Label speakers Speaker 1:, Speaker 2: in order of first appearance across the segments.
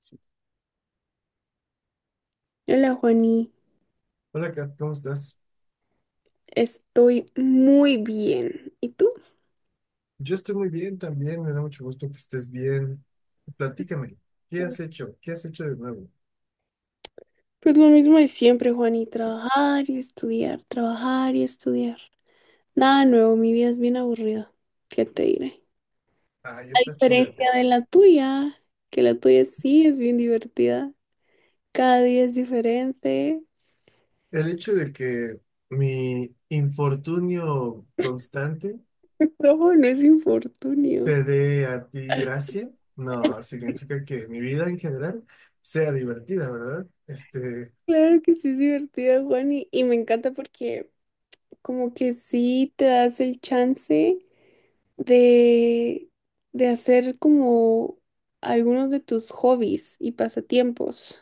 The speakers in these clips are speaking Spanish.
Speaker 1: Sí.
Speaker 2: Hola, Juani.
Speaker 1: Hola, Kat, ¿cómo estás?
Speaker 2: Estoy muy bien. ¿Y tú?
Speaker 1: Yo estoy muy bien también, me da mucho gusto que estés bien. Platícame, ¿qué
Speaker 2: Hola.
Speaker 1: has hecho? ¿Qué has hecho de nuevo?
Speaker 2: Pues lo mismo de siempre, Juani. Trabajar y estudiar, trabajar y estudiar. Nada nuevo, mi vida es bien aburrida. ¿Qué te diré?
Speaker 1: Ay,
Speaker 2: A
Speaker 1: está chida, Kat.
Speaker 2: diferencia de la tuya, que la tuya sí es bien divertida. Cada día es diferente.
Speaker 1: El hecho de que mi infortunio constante
Speaker 2: No, no es infortunio.
Speaker 1: te dé a ti gracia, no, significa que mi vida en general sea divertida, ¿verdad?
Speaker 2: Claro que sí es divertida, Juani. Y me encanta porque como que sí te das el chance de, de hacer como algunos de tus hobbies y pasatiempos.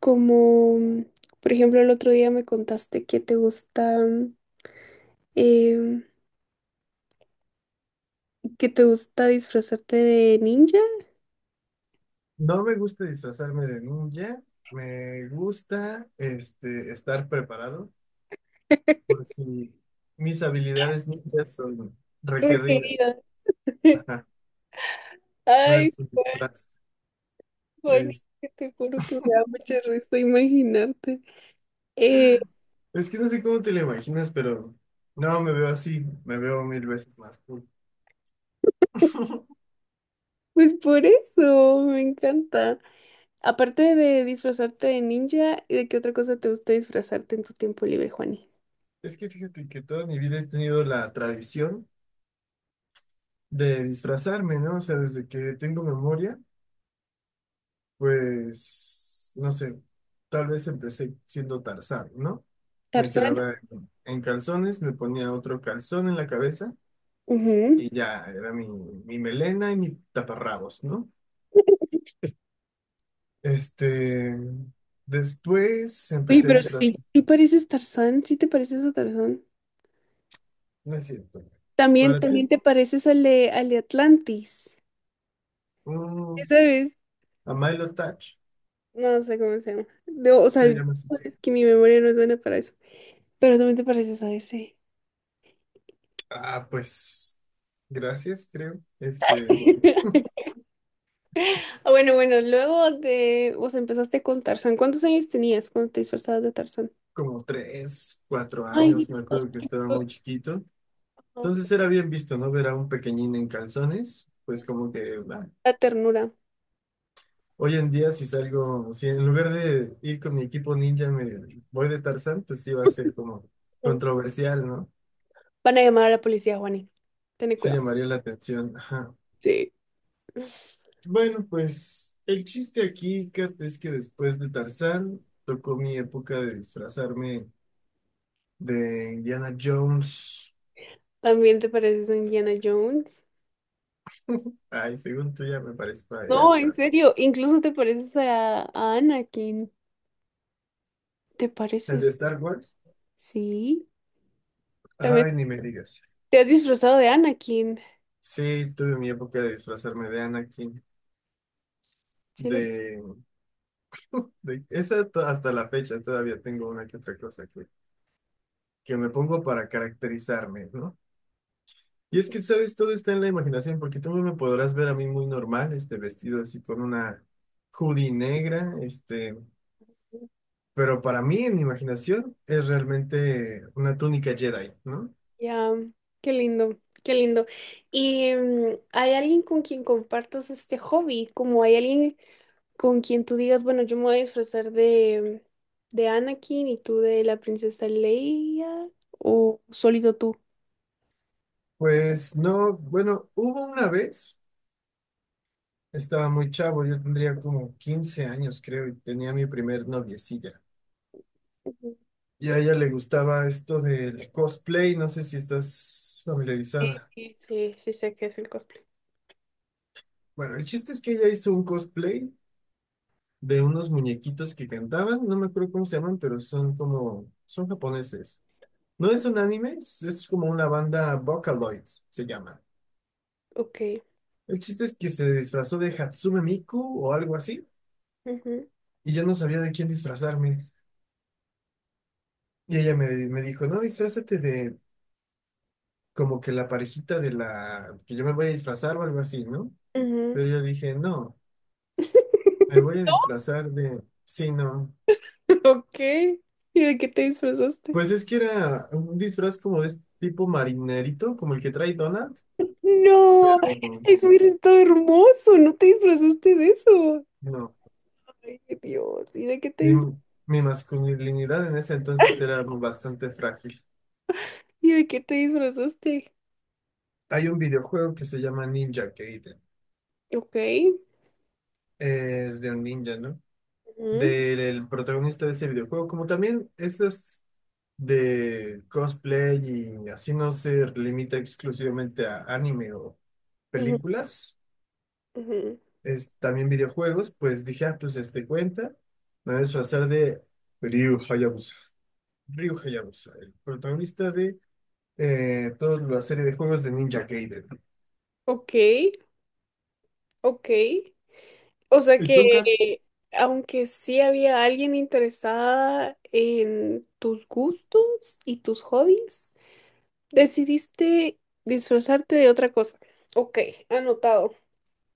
Speaker 2: Como, por ejemplo, el otro día me contaste que te gusta, em, que te gusta disfrazarte de ninja.
Speaker 1: No me gusta disfrazarme de ninja, me gusta, estar preparado, por si mis habilidades ninjas son
Speaker 2: Por
Speaker 1: requeridas.
Speaker 2: querida.
Speaker 1: Ajá, no
Speaker 2: Ay,
Speaker 1: es un
Speaker 2: Juan,
Speaker 1: disfraz.
Speaker 2: Juan,
Speaker 1: Es,
Speaker 2: que te juro que me da mucha risa imaginarte. Eh,
Speaker 1: es que no sé cómo te lo imaginas, pero no, me veo así, me veo mil veces más cool.
Speaker 2: pues por eso, me encanta. Aparte de disfrazarte de ninja, ¿y de qué otra cosa te gusta disfrazarte en tu tiempo libre, Juani?
Speaker 1: Es que fíjate que toda mi vida he tenido la tradición de disfrazarme, ¿no? O sea, desde que tengo memoria, pues, no sé, tal vez empecé siendo Tarzán, ¿no? Me
Speaker 2: Tarzán.
Speaker 1: quedaba en calzones, me ponía otro calzón en la cabeza.
Speaker 2: Ujú.
Speaker 1: Y ya, era mi melena y mis taparrabos, ¿no? Este, Después
Speaker 2: Oye,
Speaker 1: empecé a
Speaker 2: pero sí.
Speaker 1: disfrazar,
Speaker 2: ¿Sí pareces Tarzán? ¿Sí te pareces a Tarzán?
Speaker 1: no es cierto.
Speaker 2: También,
Speaker 1: Para
Speaker 2: también
Speaker 1: ti,
Speaker 2: te pareces al de Atlantis.
Speaker 1: un
Speaker 2: ¿Sabes?
Speaker 1: a Milo Touch,
Speaker 2: No sé cómo se llama. No, o sea,
Speaker 1: se
Speaker 2: es
Speaker 1: llama así.
Speaker 2: que mi memoria no es buena para eso. Pero también te pareces a ese.
Speaker 1: Ah, pues, gracias, creo.
Speaker 2: Ah, bueno, bueno, luego de, o sea, empezaste con Tarzán. ¿Cuántos años tenías cuando te disfrazabas de Tarzán?
Speaker 1: Como tres, cuatro
Speaker 2: Ay,
Speaker 1: años, me acuerdo que estaba muy chiquito. Entonces era bien visto, ¿no? Ver a un pequeñín en calzones, pues como que, ah,
Speaker 2: la ternura.
Speaker 1: hoy en día, si salgo, si en lugar de ir con mi equipo ninja me voy de Tarzán, pues sí va a ser como controversial, ¿no?
Speaker 2: Van a llamar a la policía, Juani. Ten
Speaker 1: Sí
Speaker 2: cuidado.
Speaker 1: llamaría la atención. Ajá.
Speaker 2: Sí.
Speaker 1: Bueno, pues el chiste aquí, Kat, es que después de Tarzán tocó mi época de disfrazarme de Indiana Jones.
Speaker 2: También te pareces a Indiana Jones.
Speaker 1: Ay, según tú ya me parezco ahí
Speaker 2: No, en
Speaker 1: hasta.
Speaker 2: serio, incluso te pareces a Anakin. ¿Te
Speaker 1: El de
Speaker 2: pareces?
Speaker 1: Star Wars.
Speaker 2: Sí. También
Speaker 1: Ay, ni me digas.
Speaker 2: te has disfrazado de Anakin.
Speaker 1: Sí, tuve mi época de disfrazarme de Anakin,
Speaker 2: Sí, le...
Speaker 1: de hasta la fecha todavía tengo una que otra cosa que me pongo para caracterizarme, ¿no? Y es que, ¿sabes? Todo está en la imaginación, porque tú me podrás ver a mí muy normal, este vestido así con una hoodie negra, pero para mí en mi imaginación es realmente una túnica Jedi, ¿no?
Speaker 2: Ya, qué lindo, qué lindo. ¿Y mm, hay alguien con quien compartas este hobby? Como hay alguien con quien tú digas, bueno, yo me voy a disfrazar de Anakin y tú de la princesa Leia, o solito tú.
Speaker 1: Pues no, bueno, hubo una vez, estaba muy chavo, yo tendría como 15 años, creo, y tenía mi primer noviecilla.
Speaker 2: Ujú.
Speaker 1: Y a ella le gustaba esto del cosplay, no sé si estás familiarizada.
Speaker 2: Sí, sí, sí sé que es el cosplay.
Speaker 1: Bueno, el chiste es que ella hizo un cosplay de unos muñequitos que cantaban, no me acuerdo cómo se llaman, pero son como, son japoneses. No es un anime, es como una banda Vocaloids, se llama.
Speaker 2: Ok.
Speaker 1: El chiste es que se disfrazó de Hatsume Miku o algo así,
Speaker 2: Ujú,
Speaker 1: y yo no sabía de quién disfrazarme. Y ella me dijo, no, disfrázate de como que la parejita de la que yo me voy a disfrazar o algo así, ¿no?
Speaker 2: ujú.
Speaker 1: Pero yo dije, no. Me voy a disfrazar de... Sí, no.
Speaker 2: Ok. ¿Y de qué te disfrazaste?
Speaker 1: Pues es que era un disfraz como de este tipo marinerito, como el que trae Donald,
Speaker 2: No,
Speaker 1: pero
Speaker 2: es muy está hermoso. No te disfrazaste de eso.
Speaker 1: no.
Speaker 2: Ay, Dios. ¿Y de qué te
Speaker 1: Mi,
Speaker 2: disfra-
Speaker 1: Mi masculinidad en ese entonces era bastante frágil.
Speaker 2: ¿Y de qué te disfrazaste?
Speaker 1: Hay un videojuego que se llama Ninja Gaiden.
Speaker 2: Ok.
Speaker 1: Es de un ninja, ¿no?
Speaker 2: Ujú,
Speaker 1: Del protagonista de ese videojuego, como también esas de cosplay y así no se limita exclusivamente a anime o
Speaker 2: ujú,
Speaker 1: películas.
Speaker 2: ujú.
Speaker 1: Es, también videojuegos, pues dije, ah, pues este cuenta, me voy a disfrazar de Ryu Hayabusa. Ryu Hayabusa, el protagonista de toda la serie de juegos de Ninja Gaiden.
Speaker 2: Ok, ok. O sea
Speaker 1: ¿Y tú, Kat?
Speaker 2: que, aunque sí había alguien interesada en tus gustos y tus hobbies, decidiste disfrazarte de otra cosa. Ok, anotado.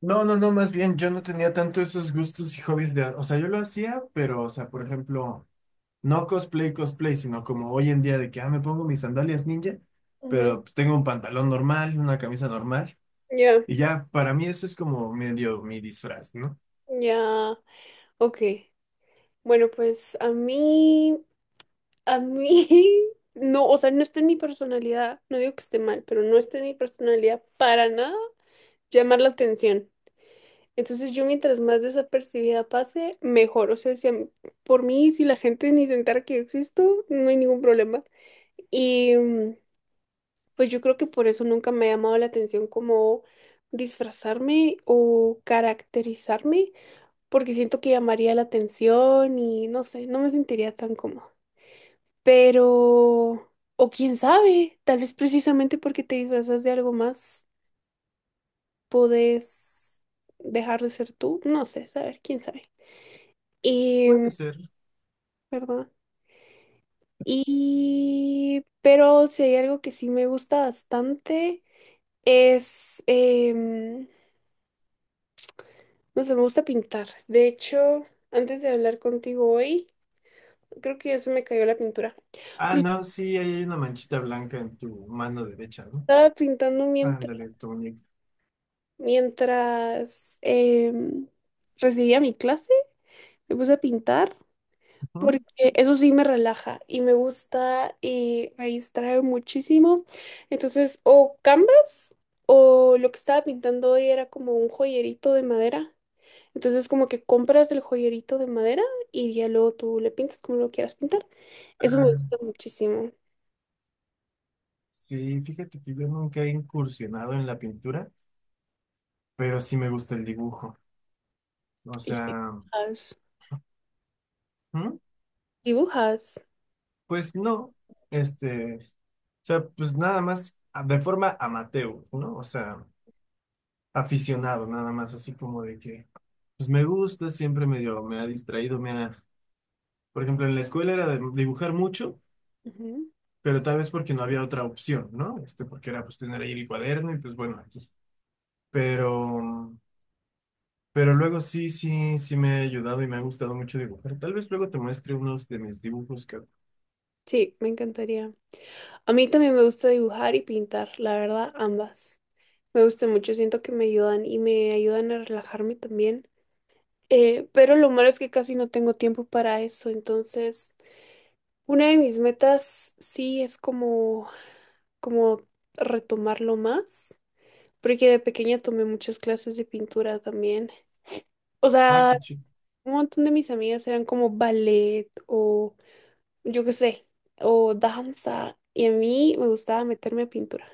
Speaker 1: No, no, no, más bien yo no tenía tanto esos gustos y hobbies de, o sea, yo lo hacía, pero, o sea, por ejemplo, no cosplay, cosplay, sino como hoy en día de que, ah, me pongo mis sandalias ninja,
Speaker 2: Ujú,
Speaker 1: pero pues tengo un pantalón normal, una camisa normal,
Speaker 2: ya,
Speaker 1: y ya, para mí eso es como medio mi disfraz, ¿no?
Speaker 2: ya. Ok, bueno, pues a mí, no, o sea, no está en mi personalidad, no digo que esté mal, pero no está en mi personalidad para nada llamar la atención. Entonces yo mientras más desapercibida pase, mejor. O sea, si a mí- por mí, si la gente ni se entera que yo existo, no hay ningún problema. Y mm, pues yo creo que por eso nunca me ha llamado la atención como disfrazarme o caracterizarme, porque siento que llamaría la atención y no sé, no me sentiría tan cómoda. Pero, o quién sabe, tal vez precisamente porque te disfrazas de algo más, podés dejar de ser tú, no sé, saber, quién sabe. Y,
Speaker 1: Puede ser.
Speaker 2: ¿verdad? Y, pero si hay algo que sí me gusta bastante, es, no sé, me gusta pintar. De hecho, antes de hablar contigo hoy, creo que ya se me cayó la pintura,
Speaker 1: Ah,
Speaker 2: pero
Speaker 1: no, sí, ahí hay una manchita blanca en tu mano derecha, ¿no?
Speaker 2: estaba pintando mientras,
Speaker 1: Ándale, tu muñeca.
Speaker 2: mientras recibía mi clase. Me puse a pintar porque
Speaker 1: Ujú.
Speaker 2: eso sí me relaja y me gusta y me distrae muchísimo. Entonces, o canvas o lo que estaba pintando hoy era como un joyerito de madera. Entonces, como que compras el joyerito de madera y ya luego tú le pintas como lo quieras pintar. Eso me
Speaker 1: Ah,
Speaker 2: gusta muchísimo.
Speaker 1: sí, fíjate que yo nunca he incursionado en la pintura, pero sí me gusta el dibujo. O
Speaker 2: Y
Speaker 1: sea,
Speaker 2: dibujas,
Speaker 1: ¿mm?
Speaker 2: dibujas.
Speaker 1: Pues no, este, o sea, pues nada más a- de forma amateur, ¿no? O sea, aficionado, nada más así como de que, pues me gusta, siempre medio me ha distraído, me ha, por ejemplo, en la escuela era de dibujar mucho,
Speaker 2: Ujú.
Speaker 1: pero tal vez porque no había otra opción, ¿no? Porque era pues tener ahí el cuaderno y pues bueno, aquí. Pero, pero luego sí, sí me ha ayudado y me ha gustado mucho dibujar. Tal vez luego te muestre unos de mis dibujos que...
Speaker 2: Sí, me encantaría. A mí también me gusta dibujar y pintar, la verdad, ambas. Me gusta mucho, siento que me ayudan y me ayudan a relajarme también. Pero lo malo es que casi no tengo tiempo para eso, entonces una de mis metas sí es como retomarlo más, porque de pequeña tomé muchas clases de pintura también. O
Speaker 1: Ah,
Speaker 2: sea,
Speaker 1: qué chido.
Speaker 2: un montón de mis amigas eran como ballet o yo qué sé, o danza, y a mí me gustaba meterme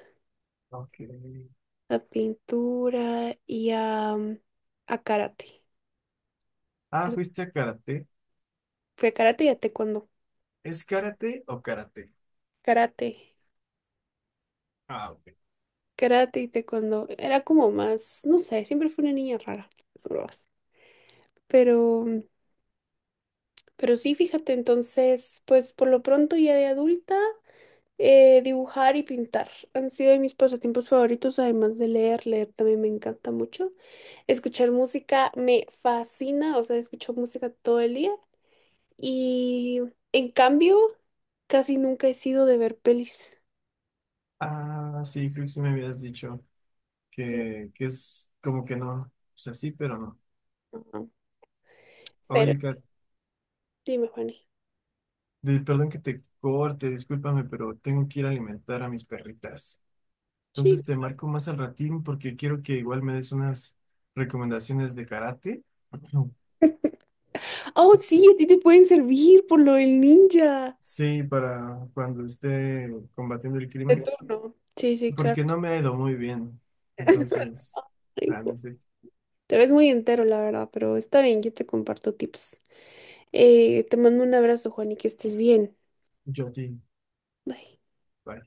Speaker 1: Ok.
Speaker 2: a pintura y a, mm, a karate.
Speaker 1: Ah,
Speaker 2: Eso-
Speaker 1: ¿fuiste a karate?
Speaker 2: fui a karate y a taekwondo.
Speaker 1: ¿Es karate o karate?
Speaker 2: Karate,
Speaker 1: Ah, ok.
Speaker 2: karate y taekwondo. Era como más, no sé, siempre fui una niña rara, eso lo hace. Pero mm, pero sí, fíjate, entonces, pues por lo pronto ya de adulta, dibujar y pintar han sido de mis pasatiempos favoritos, además de leer, leer también me encanta mucho. Escuchar música me fascina, o sea, escucho música todo el día y en cambio, casi nunca he sido de ver pelis.
Speaker 1: Ah, sí, creo que sí me habías dicho
Speaker 2: Eh,
Speaker 1: que es como que no. O sea, sí, pero no.
Speaker 2: ajá. Pero
Speaker 1: Oye, Kat,
Speaker 2: dime, Juani.
Speaker 1: perdón que te corte, discúlpame, pero tengo que ir a alimentar a mis perritas.
Speaker 2: Sí.
Speaker 1: Entonces te marco más al ratín porque quiero que igual me des unas recomendaciones de karate.
Speaker 2: Oh, sí, a ti te pueden servir por lo del ninja.
Speaker 1: Sí, para cuando esté combatiendo el
Speaker 2: De
Speaker 1: crimen,
Speaker 2: turno. Sí, sí, claro.
Speaker 1: porque no me ha ido muy bien. Entonces, ah, no sé.
Speaker 2: Te ves muy entero, la verdad, pero está bien, yo te comparto tips. Te mando un abrazo, Juan, y que estés bien.
Speaker 1: Yo a ti.
Speaker 2: Bye.
Speaker 1: Bye.